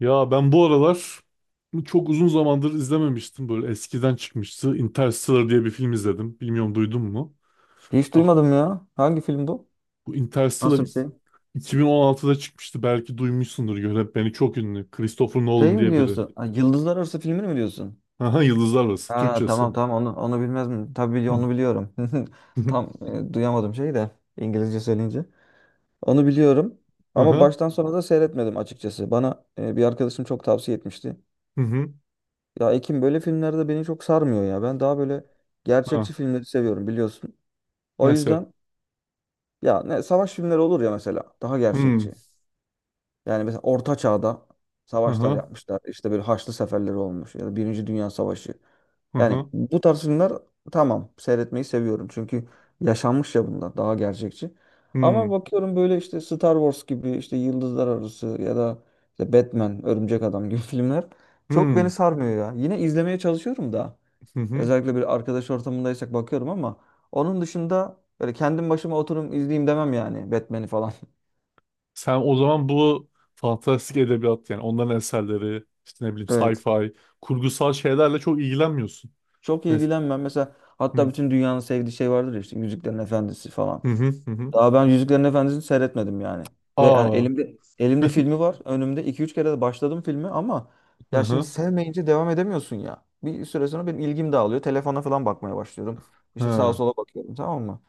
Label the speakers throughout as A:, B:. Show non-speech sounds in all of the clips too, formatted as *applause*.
A: Ya ben bu aralar çok uzun zamandır izlememiştim. Böyle eskiden çıkmıştı. Interstellar diye bir film izledim. Bilmiyorum duydun mu?
B: Hiç
A: Ah,
B: duymadım ya. Hangi film bu?
A: bu Interstellar
B: Nasıl bir şey?
A: 2016'da çıkmıştı. Belki duymuşsundur. Yönetmeni çok ünlü. Christopher
B: Şey
A: Nolan
B: mi
A: diye biri.
B: diyorsun? Ha, Yıldızlar Arası filmini mi diyorsun?
A: Aha, Yıldızlar Arası.
B: Ha
A: Türkçesi.
B: tamam tamam onu bilmez mi? Tabii
A: Hı.
B: onu biliyorum. *laughs* Tam
A: *laughs*
B: duyamadım şeyi de İngilizce söyleyince. Onu biliyorum ama
A: Aha.
B: baştan sona da seyretmedim açıkçası. Bana bir arkadaşım çok tavsiye etmişti.
A: Hı hı.
B: Ya Ekim böyle filmlerde beni çok sarmıyor ya. Ben daha böyle
A: Ha.
B: gerçekçi filmleri seviyorum biliyorsun. O
A: Mesela.
B: yüzden ya ne savaş filmleri olur ya mesela daha
A: Hı.
B: gerçekçi. Yani mesela Orta Çağ'da savaşlar
A: Aha.
B: yapmışlar. İşte böyle Haçlı Seferleri olmuş ya da Birinci Dünya Savaşı. Yani
A: Aha.
B: bu tarz filmler tamam seyretmeyi seviyorum. Çünkü yaşanmış ya bunlar daha gerçekçi. Ama bakıyorum böyle işte Star Wars gibi işte Yıldızlar Arası ya da işte Batman, Örümcek Adam gibi *laughs* filmler çok beni
A: Hı.
B: sarmıyor ya. Yine izlemeye çalışıyorum da.
A: Hı hı.
B: Özellikle bir arkadaş ortamındaysak bakıyorum ama onun dışında böyle kendim başıma oturup izleyeyim demem yani Batman'i falan. *laughs*
A: Sen o zaman bu fantastik edebiyat, yani onların eserleri işte, ne bileyim,
B: Evet.
A: sci-fi kurgusal şeylerle çok ilgilenmiyorsun.
B: Çok
A: Mes
B: ilgilenmem. Mesela hatta
A: hı
B: bütün dünyanın sevdiği şey vardır ya işte Yüzüklerin Efendisi
A: hı
B: falan.
A: hı hı. Hı.
B: Daha ben Yüzüklerin Efendisi'ni seyretmedim yani. Ve yani
A: Aa,
B: elimde filmi var. Önümde iki üç kere de başladım filmi ama
A: hı
B: ya şimdi
A: hı,
B: sevmeyince devam edemiyorsun ya. Bir süre sonra benim ilgim dağılıyor. Telefona falan bakmaya başlıyorum. İşte sağa
A: ha.
B: sola bakıyorum, tamam mı?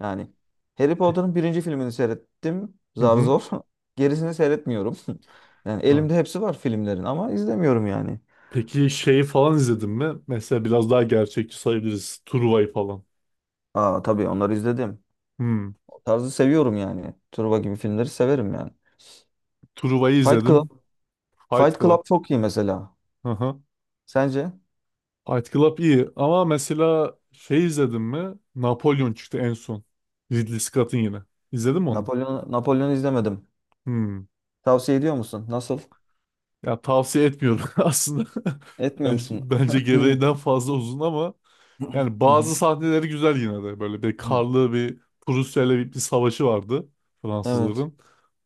B: Yani Harry
A: Pe-
B: Potter'ın birinci filmini seyrettim.
A: Hı
B: Zar
A: hı,
B: zor. *laughs* Gerisini seyretmiyorum. *laughs* Yani
A: ha.
B: elimde hepsi var filmlerin ama izlemiyorum yani.
A: Peki şeyi falan izledin mi? Mesela biraz daha gerçekçi sayabiliriz. Truva'yı falan.
B: Aa tabii onları izledim.
A: Hmm.
B: Tarzı seviyorum yani. Turba gibi filmleri severim yani.
A: Truva'yı
B: Fight Club.
A: izledim. Fight
B: Fight
A: Club.
B: Club çok iyi mesela.
A: Hı hı.
B: Sence?
A: Fight Club iyi ama mesela şey izledin mi? Napolyon çıktı en son. Ridley Scott'ın yine. İzledin mi onu?
B: Napolyon izlemedim.
A: Hmm.
B: Tavsiye ediyor musun? Nasıl?
A: Ya tavsiye etmiyorum *laughs* aslında.
B: Etmiyor
A: Bence,
B: musun?
A: bence
B: *clears throat*
A: gereğinden fazla uzun ama
B: *laughs*
A: yani
B: Hı hı.
A: bazı sahneleri güzel yine de. Böyle bir karlı bir Prusya ile bir savaşı vardı
B: Evet.
A: Fransızların.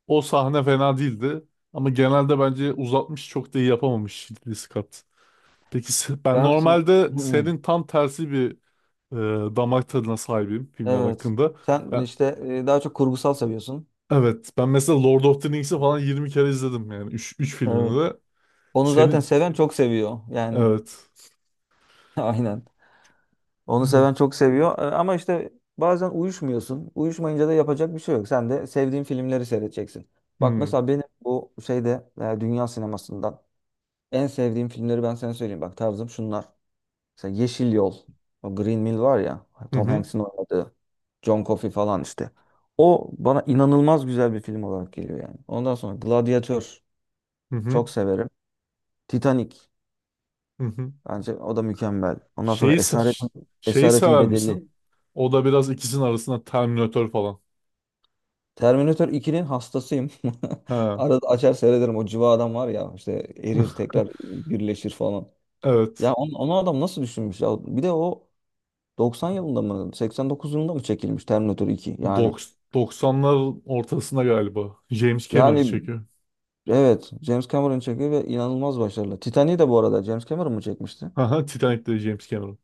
A: O sahne fena değildi. Ama genelde bence uzatmış, çok da iyi yapamamış Ridley Scott. Peki ben
B: Dersin.
A: normalde
B: *clears throat*
A: senin tam tersi bir damak tadına sahibim filmler
B: Evet.
A: hakkında.
B: Sen
A: Ben
B: işte daha çok kurgusal seviyorsun.
A: evet, ben mesela Lord of the Rings'i falan 20 kere izledim, yani 3 filmini
B: Evet.
A: de.
B: Onu zaten
A: Senin
B: seven çok seviyor yani.
A: evet.
B: *laughs* Aynen.
A: Hı
B: Onu
A: hı
B: seven çok seviyor. E, ama işte bazen uyuşmuyorsun. Uyuşmayınca da yapacak bir şey yok. Sen de sevdiğin filmleri seyredeceksin. Bak mesela benim bu şeyde dünya sinemasından en sevdiğim filmleri ben sana söyleyeyim. Bak tarzım şunlar. Mesela Yeşil Yol. O Green Mile var ya. Tom
A: hı
B: Hanks'in oynadığı. John Coffey falan işte. O bana inanılmaz güzel bir film olarak geliyor yani. Ondan sonra Gladiator.
A: hı hı.
B: Çok severim. Titanic.
A: Hı.
B: Bence o da mükemmel. Ondan sonra
A: Şeyi se- ş- şeyi
B: Esaretin
A: sever
B: Bedeli.
A: misin? O da biraz ikisinin arasında, Terminator falan.
B: Terminator 2'nin hastasıyım. *laughs*
A: Ha.
B: Arada açar seyrederim. O cıva adam var ya işte erir
A: *laughs*
B: tekrar birleşir falan. Ya
A: Evet.
B: onu adam nasıl düşünmüş ya? Bir de o 90 yılında mı 89 yılında mı çekilmiş Terminator 2? Yani
A: 90'lar ortasında galiba. James Cameron
B: yani
A: çekiyor.
B: evet James Cameron çekiyor ve inanılmaz başarılı. Titanic'i de bu arada James Cameron mu çekmişti?
A: Haha, Titanic'te James Cameron.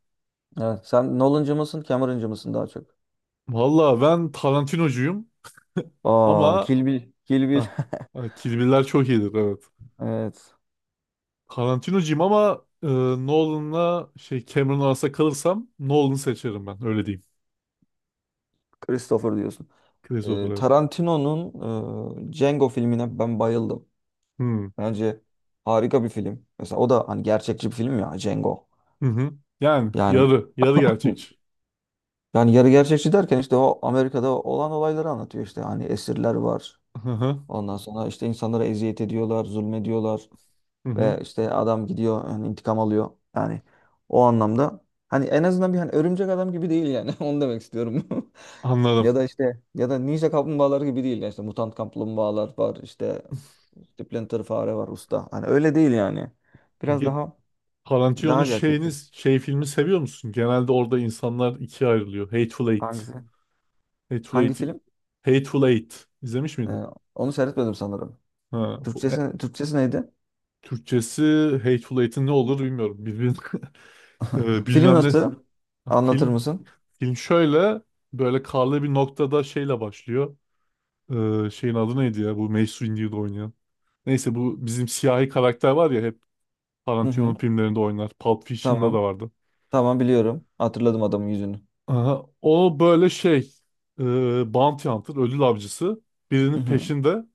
B: Evet. Sen Nolan'cı mısın, Cameron'cı mısın daha çok?
A: Valla ben Tarantinocuyum
B: Aa,
A: ama
B: Kill Bill. Kill Bill.
A: ha,
B: *laughs*
A: Kill Bill'ler çok iyidir evet.
B: Evet.
A: Tarantinocuyum ama Nolan'la şey Cameron arasında kalırsam Nolan'ı seçerim, ben öyle diyeyim.
B: Christopher diyorsun.
A: Christopher evet.
B: Tarantino'nun Django filmine ben bayıldım.
A: Hmm.
B: Bence harika bir film. Mesela o da hani gerçekçi bir film ya Django.
A: Hı hı. Yani
B: Yani
A: yarı gerçekçi.
B: *laughs* yani yarı gerçekçi derken işte o Amerika'da olan olayları anlatıyor işte. Hani esirler var.
A: Hı hı.
B: Ondan sonra işte insanlara eziyet ediyorlar, zulmediyorlar
A: Hı hı.
B: ve işte adam gidiyor hani intikam alıyor. Yani o anlamda hani en azından bir hani örümcek adam gibi değil yani. *laughs* Onu demek istiyorum. *laughs* Ya
A: Anladım.
B: da ninja kaplumbağaları gibi değil yani işte mutant kaplumbağalar var işte Splinter fare var usta. Hani öyle değil yani. Biraz
A: Peki
B: daha.
A: Tarantino'nun
B: Daha gerçekçi.
A: şey filmi seviyor musun? Genelde orada insanlar ikiye ayrılıyor. Hateful Eight.
B: Hangisi?
A: Hateful
B: Hangi
A: Eight.
B: film?
A: Hateful Eight. İzlemiş
B: Ee,
A: miydin?
B: onu seyretmedim sanırım.
A: Ha, bu
B: Türkçesi, Türkçesi neydi?
A: Türkçesi Hateful Eight'in ne olur bilmiyorum. Bilbil, *laughs*
B: *laughs* Film
A: Bilmem ne.
B: nasıl?
A: Ha,
B: Anlatır
A: film.
B: mısın?
A: Film şöyle, böyle karlı bir noktada şeyle başlıyor. Şeyin adı neydi ya? Bu Mace Windu'yu da oynayan. Neyse, bu bizim siyahi karakter var ya, hep
B: Hı
A: Tarantino'nun
B: hı.
A: filmlerinde oynar. Pulp Fiction'da
B: Tamam.
A: da vardı.
B: Tamam, biliyorum. Hatırladım adamın yüzünü.
A: Aha, o böyle şey, e, bounty hunter, ödül avcısı,
B: Hı
A: birinin
B: hı.
A: peşinde,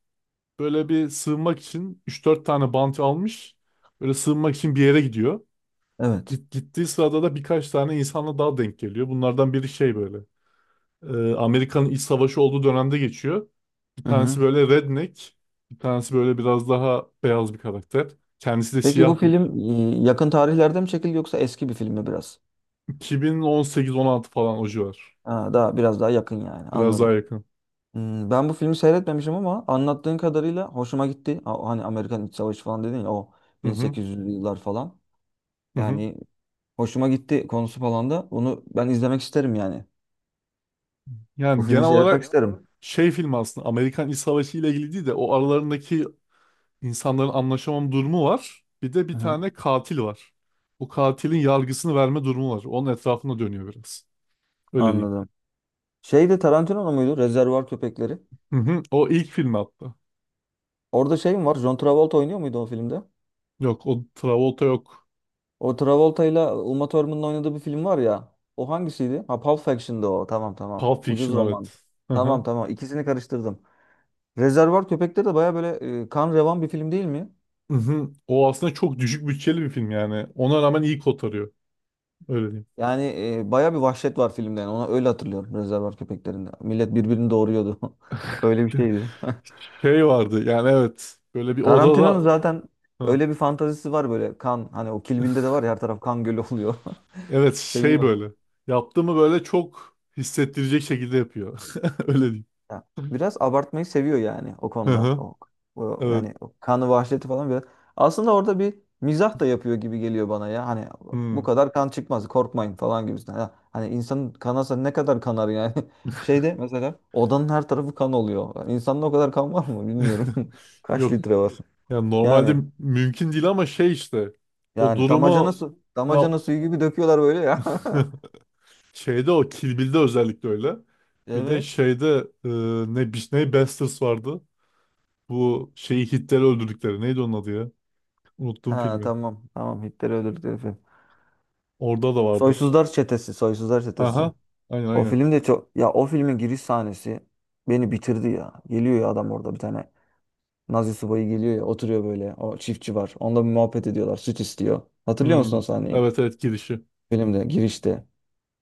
A: böyle bir sığınmak için üç dört tane bounty almış. Böyle sığınmak için bir yere gidiyor.
B: Evet.
A: Gittiği sırada da birkaç tane insanla daha denk geliyor. Bunlardan biri şey, böyle Amerika'nın iç savaşı olduğu dönemde geçiyor. Bir
B: Hı
A: tanesi
B: hı.
A: böyle redneck, bir tanesi böyle biraz daha beyaz bir karakter. Kendisi de
B: Peki bu
A: siyah bir.
B: film yakın tarihlerde mi çekildi yoksa eski bir film mi biraz?
A: 2018-16 falan, o civar.
B: Ha, daha biraz daha yakın yani.
A: Biraz daha
B: Anladım.
A: yakın.
B: Hmm, ben bu filmi seyretmemişim ama anlattığın kadarıyla hoşuma gitti. Ha, hani Amerikan İç Savaşı falan dedin ya o
A: Hı hı,
B: 1800'lü yıllar falan.
A: hı hı.
B: Yani hoşuma gitti konusu falan da. Onu ben izlemek isterim yani. Bu
A: Yani genel
B: filmi seyretmek
A: olarak
B: isterim.
A: şey, film aslında Amerikan İç Savaşı ile ilgili değil de o aralarındaki insanların anlaşamam durumu var. Bir de
B: Hı
A: bir
B: hı.
A: tane katil var. O katilin yargısını verme durumu var. Onun etrafında dönüyor biraz. Öyle diyeyim.
B: Anladım. Şey de Tarantino muydu? Rezervuar Köpekleri.
A: Hı hı. O ilk film hatta.
B: Orada şey mi var? John Travolta oynuyor muydu o filmde?
A: Yok, o Travolta yok.
B: O Travolta ile Uma Thurman'ın oynadığı bir film var ya. O hangisiydi? Ha, Pulp Fiction'dı o. Tamam tamam.
A: Pulp
B: Ucuz
A: Fiction
B: roman.
A: evet. Hı
B: Tamam
A: hı.
B: tamam. İkisini karıştırdım. Rezervuar Köpekleri de baya böyle kan revan bir film değil mi?
A: Hı hı. O aslında çok düşük bütçeli bir film yani. Ona rağmen iyi kotarıyor. Öyle diyeyim.
B: Yani baya bir vahşet var filmde. Yani. Ona öyle hatırlıyorum Rezervuar Köpekleri'nde. Millet birbirini doğuruyordu. *laughs* Öyle bir şeydi. *laughs*
A: Şey vardı yani, evet. Böyle bir
B: Tarantino'nun
A: odada.
B: zaten
A: Hı.
B: öyle bir fantazisi var böyle kan, hani o Kill Bill'de de var ya her taraf kan gölü oluyor.
A: Evet,
B: *laughs*
A: şey
B: Seviyor.
A: böyle. Yaptığımı böyle çok hissettirecek şekilde yapıyor. *laughs* Öyle diyeyim.
B: Ya, biraz abartmayı seviyor yani o
A: Hı
B: konuda.
A: hı.
B: O, o
A: Evet.
B: yani o kanı vahşeti falan biraz. Aslında orada bir mizah da yapıyor gibi geliyor bana ya. Hani bu
A: Hmm.
B: kadar kan çıkmaz korkmayın falan gibisinden. Ya, hani insanın kanasa ne kadar kanar yani. *laughs* Şeyde mesela odanın her tarafı kan oluyor. Yani İnsanda o kadar kan var mı bilmiyorum.
A: *laughs*
B: *laughs* Kaç
A: Yok.
B: litre var?
A: Yani normalde
B: Yani
A: mümkün değil ama şey işte. O
B: damacana
A: durumu,
B: su,
A: ya,
B: damacana suyu gibi döküyorlar böyle ya. *laughs*
A: *laughs* şeyde, o Kill Bill'de özellikle öyle. Bir de
B: Evet.
A: şeyde e, ne bir ne Bastards vardı. Bu şeyi Hitler'i öldürdükleri. Neydi onun adı ya? Unuttum
B: Ha
A: filmi.
B: tamam. Tamam, Hitler öldürdükleri film.
A: Orada da vardı.
B: Soysuzlar Çetesi. Soysuzlar Çetesi.
A: Aha. Aynen,
B: O
A: aynen.
B: film de çok... Ya o filmin giriş sahnesi beni bitirdi ya. Geliyor ya adam orada bir tane. Nazi subayı geliyor ya, oturuyor böyle. O çiftçi var. Onunla bir muhabbet ediyorlar. Süt istiyor. Hatırlıyor musun
A: Hmm.
B: o sahneyi?
A: Evet, evet, girişi.
B: Filmde girişte.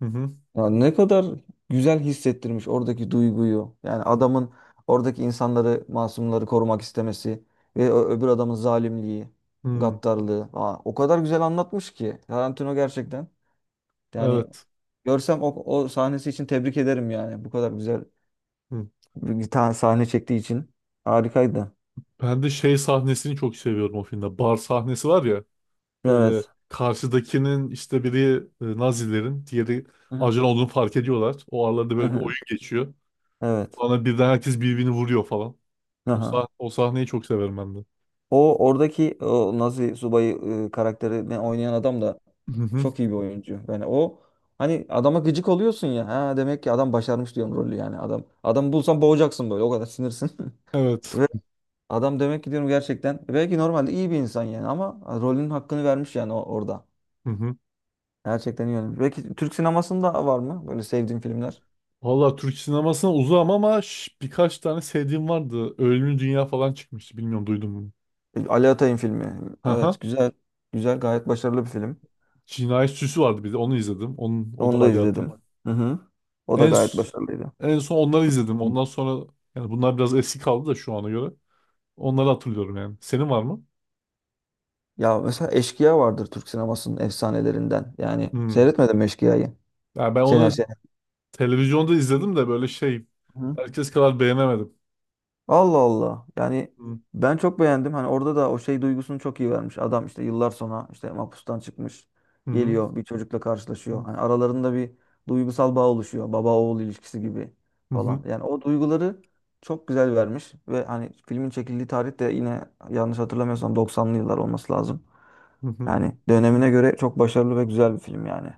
A: Hı hı.
B: Ya ne kadar güzel hissettirmiş oradaki duyguyu. Yani adamın oradaki insanları, masumları korumak istemesi ve öbür adamın zalimliği,
A: Hmm.
B: gaddarlığı. Aa, o kadar güzel anlatmış ki Tarantino gerçekten. Yani
A: Evet.
B: görsem o sahnesi için tebrik ederim yani. Bu kadar güzel
A: Hı.
B: bir tane sahne çektiği için. Harikaydı.
A: Ben de şey sahnesini çok seviyorum o filmde. Bar sahnesi var ya. Böyle
B: Evet.
A: karşıdakinin işte biri Nazilerin, diğeri
B: Hı hı.
A: ajan olduğunu fark ediyorlar. O aralarda
B: Hı
A: böyle bir
B: hı.
A: oyun geçiyor.
B: Evet.
A: Sonra birden herkes birbirini vuruyor falan. O,
B: Aha.
A: sah o sahneyi çok severim ben de.
B: O oradaki o Nazi subayı karakterini oynayan adam da
A: Hı hı.
B: çok iyi bir oyuncu. Yani o hani adama gıcık oluyorsun ya. Ha, demek ki adam başarmış, diyorum rolü yani adam. Adam bulsan boğacaksın böyle, o kadar sinirsin. *laughs*
A: Evet.
B: Ve adam demek ki diyorum gerçekten, belki normalde iyi bir insan yani ama rolünün hakkını vermiş yani orada.
A: Hı hı.
B: Gerçekten iyi oynamış. Belki Türk sinemasında var mı böyle sevdiğin filmler?
A: Valla Türk sinemasına uzağım ama birkaç tane sevdiğim vardı. Ölümlü Dünya falan çıkmıştı. Bilmiyorum duydun mu?
B: E, Ali Atay'ın filmi.
A: Hı hı.
B: Evet, güzel. Güzel, gayet başarılı bir film.
A: Cinayet Süsü vardı bir de. Onu izledim. O da
B: Onu da
A: Ali Atay.
B: izledim. Hı hı. O da
A: En,
B: gayet
A: s-
B: başarılıydı.
A: en son onları izledim. Ondan sonra, yani bunlar biraz eski kaldı da şu ana göre. Onları hatırlıyorum yani. Senin var mı?
B: Ya mesela Eşkıya vardır Türk sinemasının efsanelerinden. Yani
A: Hmm.
B: seyretmedim mi Eşkıya'yı?
A: Yani ben
B: Şener
A: onu
B: Şener.
A: televizyonda izledim de böyle şey,
B: Hı.
A: herkes kadar beğenemedim.
B: Allah Allah. Yani
A: Hmm.
B: ben çok beğendim. Hani orada da o şey duygusunu çok iyi vermiş. Adam işte yıllar sonra işte mahpustan çıkmış.
A: Hı hı.
B: Geliyor, bir çocukla karşılaşıyor.
A: Hmm.
B: Hani aralarında bir duygusal bağ oluşuyor. Baba oğul ilişkisi gibi
A: Hı
B: falan.
A: hı.
B: Yani o duyguları çok güzel vermiş. Ve hani filmin çekildiği tarih de yine yanlış hatırlamıyorsam 90'lı yıllar olması lazım.
A: Hı hı.
B: Yani dönemine göre çok başarılı ve güzel bir film yani.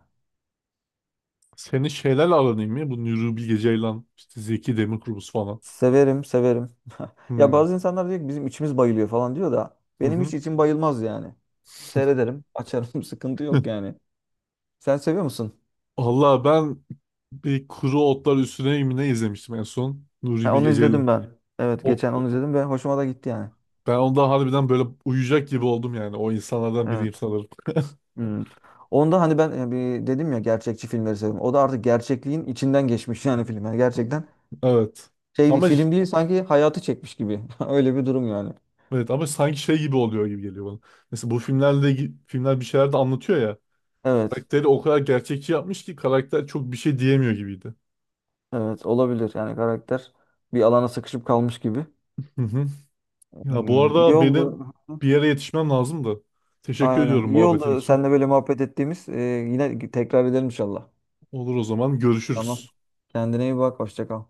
A: Senin şeylerle aran iyi mi? Bu Nuri Bilge Ceylan, işte Zeki Demirkubuz falan.
B: Severim, severim. *laughs* Ya
A: Hmm.
B: bazı insanlar diyor ki bizim içimiz bayılıyor falan diyor da
A: Hı
B: benim
A: hı.
B: hiç içim bayılmaz yani. Seyrederim, açarım, *laughs* sıkıntı yok
A: *laughs*
B: yani. Sen seviyor musun?
A: Allah, ben bir Kuru Otlar Üstüne mi ne izlemiştim en son? Nuri
B: Ha, onu
A: Bilge Ceylan.
B: izledim ben. Evet,
A: O,
B: geçen onu izledim ve hoşuma da gitti yani.
A: Ben onda harbiden böyle uyuyacak gibi oldum yani. O insanlardan biriyim
B: Evet.
A: sanırım. *laughs*
B: Hmm. Onda hani ben bir dedim ya, gerçekçi filmleri seviyorum. O da artık gerçekliğin içinden geçmiş *laughs* yani film. Yani gerçekten
A: Evet.
B: şey değil,
A: Ama
B: film değil, sanki hayatı çekmiş gibi. *laughs* Öyle bir durum yani.
A: evet ama sanki şey gibi oluyor gibi geliyor bana. Mesela bu filmlerle filmler bir şeyler de anlatıyor ya.
B: Evet.
A: Karakteri o kadar gerçekçi yapmış ki karakter çok bir şey diyemiyor gibiydi.
B: Evet, olabilir yani karakter bir alana sıkışıp kalmış gibi.
A: Hı hı. Ya bu
B: Hmm, iyi
A: arada benim
B: oldu.
A: bir yere yetişmem lazım da. Teşekkür
B: Aynen.
A: ediyorum
B: İyi
A: muhabbetin
B: oldu
A: için.
B: seninle böyle muhabbet ettiğimiz. Yine tekrar edelim inşallah.
A: Olur, o zaman
B: Tamam.
A: görüşürüz.
B: Kendine iyi bak. Hoşça kal.